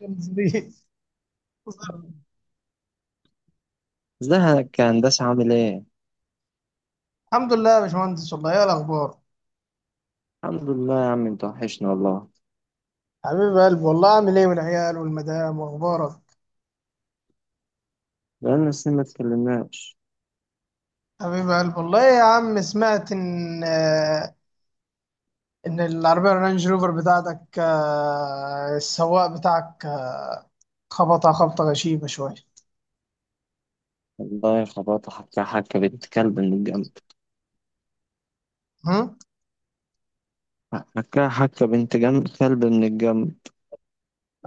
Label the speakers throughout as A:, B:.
A: غمزليز.
B: ازيك يا هندسة، عامل ايه؟
A: الحمد لله يا باشمهندس، والله ايه الاخبار؟
B: الحمد لله يا عم، انت وحشنا والله.
A: حبيب قلب والله، عامل ايه والعيال والمدام واخبارك؟
B: بقالنا سنين ما اتكلمناش.
A: حبيب قلب والله يا عم. سمعت ان العربيه الرانج روفر بتاعتك، السواق بتاعك خبطها خبطه غشيمه شويه.
B: والله خبطت حكا حكا بنت كلب من الجنب.
A: هم؟
B: حكا حكا بنت جنب كلب من الجنب.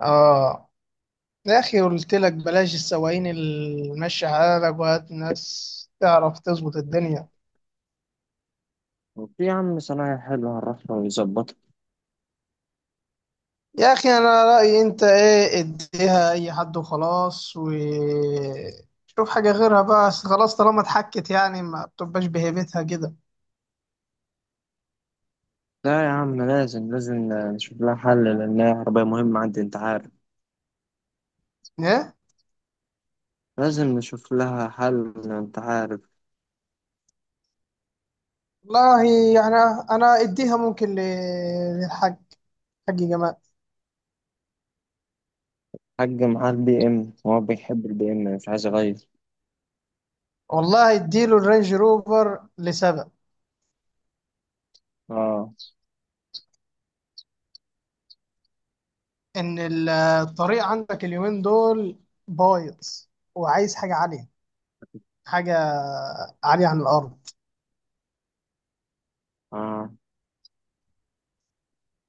A: اه. يا اخي قلت لك بلاش السواقين اللي ماشيه حالك، وهات ناس تعرف تظبط الدنيا.
B: وفي يا عم صنايعي حلو، هنروح له ويظبطها.
A: يا اخي انا رايي انت ايه، اديها اي حد وخلاص وشوف حاجه غيرها بقى. أصل خلاص طالما اتحكت يعني ما بتبقاش بهيبتها كده.
B: لا يا عم، لازم لازم نشوف لها حل لأنها عربية مهمة عندي، انت عارف.
A: ايه
B: لازم نشوف لها حل، انت عارف.
A: والله. يعني انا اديها ممكن ل- للحاج حاج جمال.
B: حاج معاه البي ام، هو بيحب البي ام مش عايز اغير.
A: والله اديله الرينج روفر لسبب
B: اه،
A: ان الطريق عندك اليومين دول بايظ، وعايز حاجه عاليه، حاجه عاليه عن الارض.
B: اه،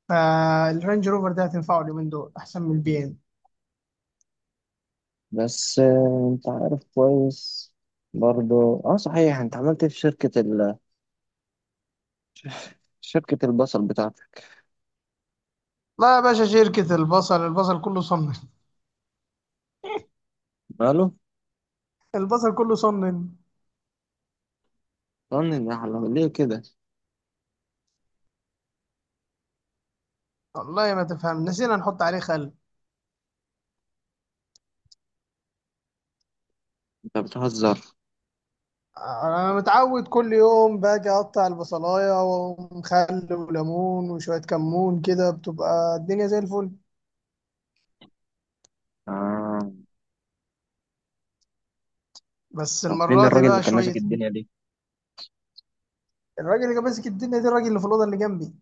A: فالرينج روفر ده هتنفعه اليومين دول احسن من البي ام.
B: بس انت عارف كويس. برضو اه صحيح، انت عملت إيه في شركة شركة البصل بتاعتك؟
A: لا يا باشا، شركة البصل البصل كله صنن.
B: ماله؟
A: البصل كله صنن.
B: طن النحلة ليه كده؟
A: والله ما تفهم، نسينا نحط عليه خل.
B: انت بتهزر.
A: انا متعود كل يوم باجي اقطع البصلايه ومخل وليمون وشويه كمون كده بتبقى الدنيا زي الفل.
B: آه.
A: بس
B: طب فين
A: المره دي
B: الراجل اللي
A: بقى
B: كان ماسك
A: شويه.
B: الدنيا دي؟
A: الراجل اللي كان ماسك الدنيا دي، الراجل اللي في الاوضه اللي جنبي.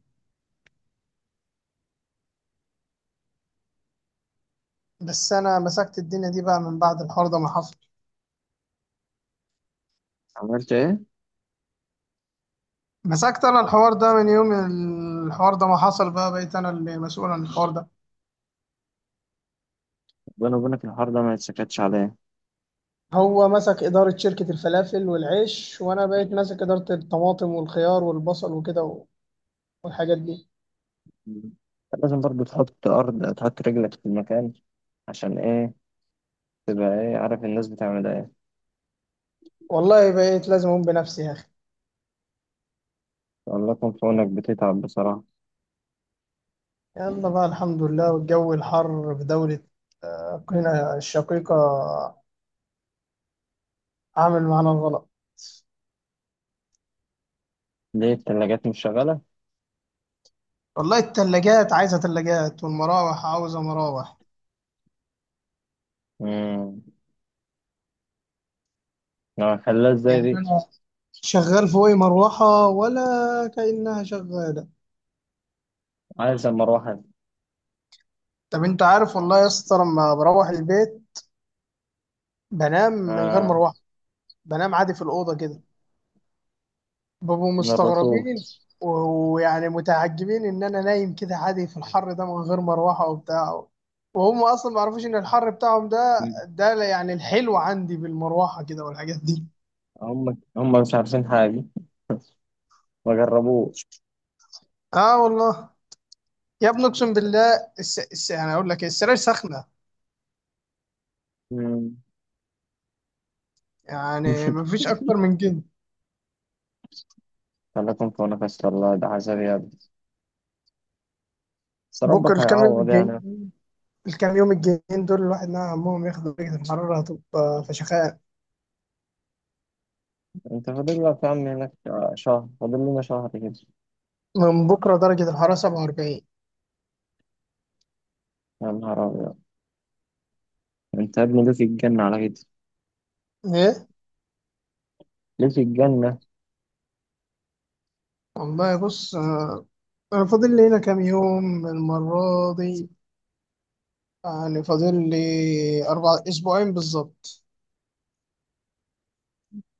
A: بس انا مسكت الدنيا دي بقى من بعد الحوار ده ما حصل.
B: عملت ايه؟
A: مسكت انا الحوار ده من يوم الحوار ده ما حصل، بقى بقيت انا اللي مسؤول عن الحوار ده.
B: ربنا وبينك، الحوار ده ما يتسكتش عليه.
A: هو مسك إدارة شركة الفلافل والعيش، وأنا بقيت ماسك إدارة الطماطم والخيار والبصل وكده والحاجات دي.
B: مم. لازم برضو تحط أرض، تحط رجلك في المكان. عشان ايه؟ تبقى ايه، عارف الناس بتعمل ايه.
A: والله بقيت لازم أقوم بنفسي يا أخي.
B: والله يكون في عونك، بتتعب بصراحة.
A: يلا بقى الحمد لله. والجو الحر في دولة أوكرانيا الشقيقة عامل معانا الغلط.
B: ليه التلاجات مش شغالة؟
A: والله التلاجات عايزة تلاجات، والمراوح عاوزة مراوح.
B: امم خلاها ازاي
A: يعني
B: دي؟
A: أنا شغال فوقي مروحة ولا كأنها شغالة.
B: عايز مروحة
A: طب أنت عارف والله يا اسطى، لما بروح البيت بنام من غير مروحة، بنام عادي في الأوضة كده. بابو
B: من الرسول.
A: مستغربين ويعني متعجبين ان انا نايم كده عادي في الحر ده من غير مروحه وبتاع. وهم اصلا ما يعرفوش ان الحر بتاعهم ده، ده يعني الحلو عندي بالمروحه كده والحاجات دي.
B: هم مش عارفين حاجة، ما جربوش.
A: اه والله. يا ابني اقسم بالله يعني اقول لك إيه، السراير سخنه.
B: مم.
A: يعني ما فيش اكتر من كده.
B: خليكم في نفس الله، ده عذاب يا ابني، بس
A: بكره
B: ربك هيعوض يعني.
A: الكام يوم الجايين دول الواحد نعم عمهم ياخدوا درجه الحراره هتبقى فشخاء.
B: انت فاضل لك يا عم هناك شهر، فاضل لنا شهر كده.
A: من بكره درجه الحراره 47.
B: يا نهار ابيض، انت يا ابني ليه في الجنة على كده؟
A: ايه
B: ليه في الجنة؟
A: والله. بص أنا فاضل لي هنا كام يوم المرة دي. يعني فاضل لي أربع أسبوعين بالظبط.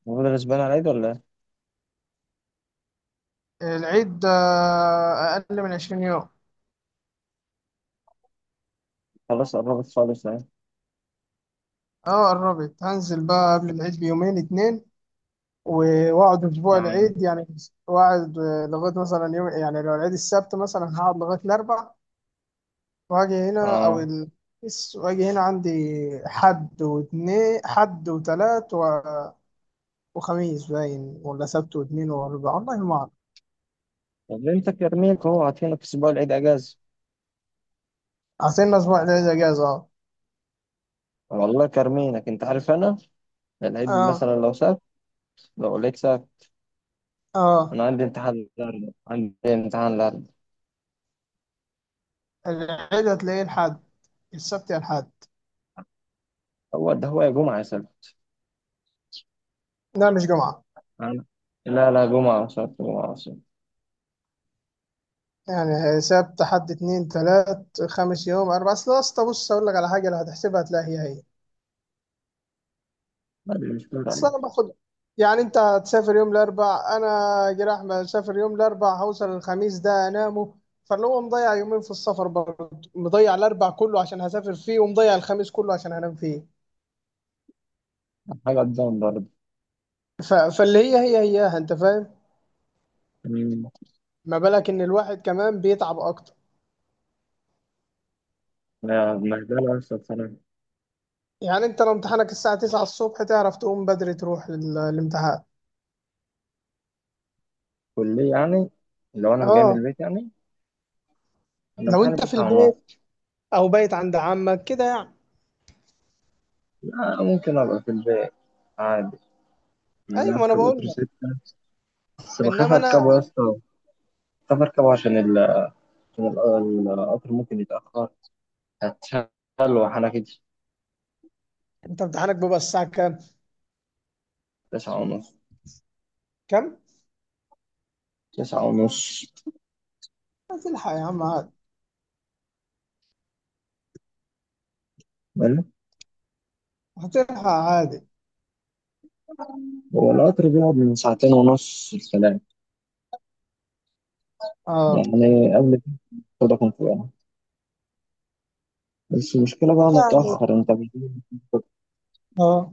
B: المفروض غصبان على ايد ولا ايه؟
A: العيد ده أقل من عشرين يوم.
B: خلاص قربت خالص اهي.
A: أه قربت. هنزل بقى قبل العيد بيومين اتنين وأقعد أسبوع
B: اه،
A: العيد يعني. وأقعد لغاية مثلا يوم، يعني لو العيد السبت مثلا هقعد لغاية الأربع. وأجي هنا
B: اه.
A: وأجي هنا عندي حد واتنين حد وتلات وخميس باين ولا سبت واتنين وأربع، والله ما أعرف.
B: طب انت كارمينك اهو عاطينك اسبوع العيد اجازة؟
A: عاطلنا أسبوع العيد إجازة.
B: والله كارمينك، انت عارف انا، العيد
A: أه.
B: مثلا لو سبت، لو لقيت سبت.
A: أه.
B: انا عندي امتحان النهارده، عندي امتحان.
A: أه. العيد هتلاقيه الحد السبت يا الحد.
B: هو ده هو، يا جمعة يا سيدي.
A: لا مش جمعة.
B: أنا- لا لا، جمعة وسبت، جمعة وسبت.
A: يعني سبت حد اتنين تلات خمس يوم أربعة. أصل بص أقول لك على حاجة، لو هتحسبها هتلاقي هي هي.
B: لا، دي مش كل
A: أصل أنا باخد. يعني أنت هتسافر يوم الأربع، أنا جراح مسافر يوم الأربع هوصل الخميس ده أنامه. فاللي هو مضيع يومين في السفر برضه، مضيع الأربع كله عشان هسافر فيه، ومضيع الخميس كله عشان هنام فيه.
B: حاجة قدام برضه.
A: فاللي هي هي هياها، أنت فاهم.
B: أمم.
A: ما بالك إن الواحد كمان بيتعب أكتر.
B: لا، بهدلة بس بصراحة.
A: يعني انت لو امتحانك الساعة 9 الصبح، تعرف تقوم بدري تروح الامتحان.
B: كلية يعني، لو أنا جاي من
A: اه
B: البيت يعني. أنا
A: لو
B: امتحاني
A: انت في
B: 9:30.
A: البيت او بايت عند عمك كده يعني.
B: لا، ممكن أبقى في البيت عادي. يعني
A: ايوه، ما انا
B: أركب
A: بقول
B: قطر
A: لك.
B: ستة بس بخاف
A: انما انا،
B: أركبه يا اسطى. بخاف أركبه القطر ممكن يتأخر، هتشغل وأنا كده.
A: انت امتحانك بيبقى الساعة كام
B: 9:30،
A: كام
B: 9:30.
A: هتلحق يا عم عادي.
B: حلو؟
A: هتلحق عادي.
B: هو القطر بيقعد من ساعتين ونص الكلام،
A: اه.
B: يعني قبل ده كان فوقها. بس المشكلة بقى أنا
A: يعني
B: متأخر أنت مش.
A: اه.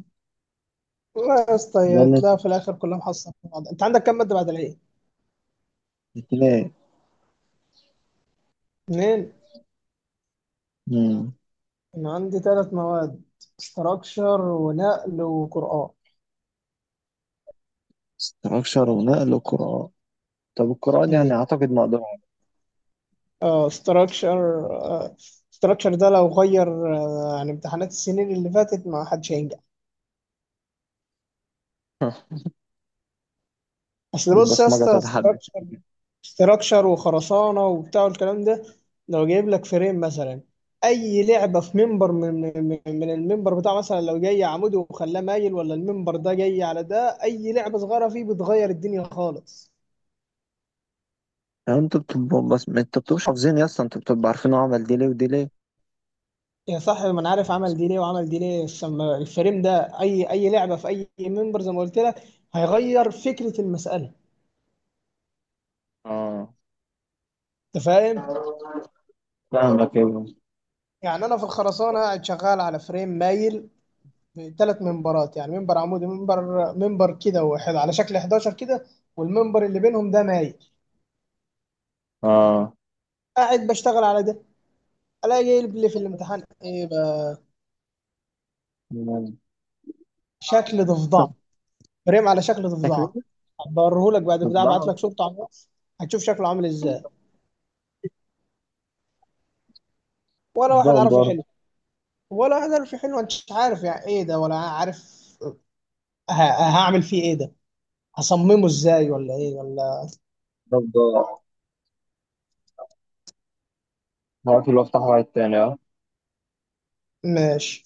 A: لا يا
B: ده
A: اسطى،
B: اللي أنت
A: تلاقي في الاخر كلها محصلة في بعض. انت عندك كام مادة بعد العيد؟
B: بتلاقي.
A: اتنين.
B: مم.
A: انا عندي ثلاث مواد: استراكشر ونقل وقرآن.
B: استراكشر ونقل وقراءة. طب القراءة دي يعني أعتقد مقدور عليها.
A: اه. ستراكشر. ستراكشر ده لو غير عن امتحانات السنين اللي فاتت ما حدش هينجح. اصل بص يا
B: البصمجة
A: اسطى،
B: تتحدد.
A: ستراكشر وخرسانه وبتاع الكلام ده، لو جايب لك فريم مثلا اي لعبه في منبر من المنبر بتاع، مثلا لو جاي عمودي وخلاه مايل ولا المنبر ده جاي على ده، اي لعبه صغيره فيه بتغير الدنيا خالص.
B: يعني أنت بتبقى، بس ما أنت بتبقى حافظين يا اسطى، أنت بتبقى عارفين هو عمل دي ليه ودي ليه.
A: يا صاحبي ما انا عارف عمل دي ليه وعمل دي ليه. الفريم ده اي لعبه في اي منبر زي ما قلت لك هيغير فكره المساله.
B: اه.
A: انت فاهم.
B: فاهمك أيوه.
A: يعني انا في الخرسانه قاعد شغال على فريم مايل ثلاث منبرات، يعني منبر عمودي منبر كده واحد على شكل 11 كده، والمنبر اللي بينهم ده مايل.
B: اه.
A: قاعد بشتغل على ده، الاقي يقلب لي في الامتحان ايه بقى؟
B: مم.
A: شكل ضفدعه. فريم على شكل
B: شكله.
A: ضفدعه. هبوريهولك بعد البتاع، ابعت
B: ده
A: لك صورته على الواتس هتشوف شكله عامل ازاي. ولا
B: ده
A: واحد عارف
B: برضه.
A: يحله. ولا واحد عارف يحله، انت مش عارف يعني ايه ده ولا عارف ه- هعمل فيه ايه ده، هصممه ازاي ولا ايه ولا.
B: ده عارف اللي هو افتح واحد تاني. اه.
A: ماشي.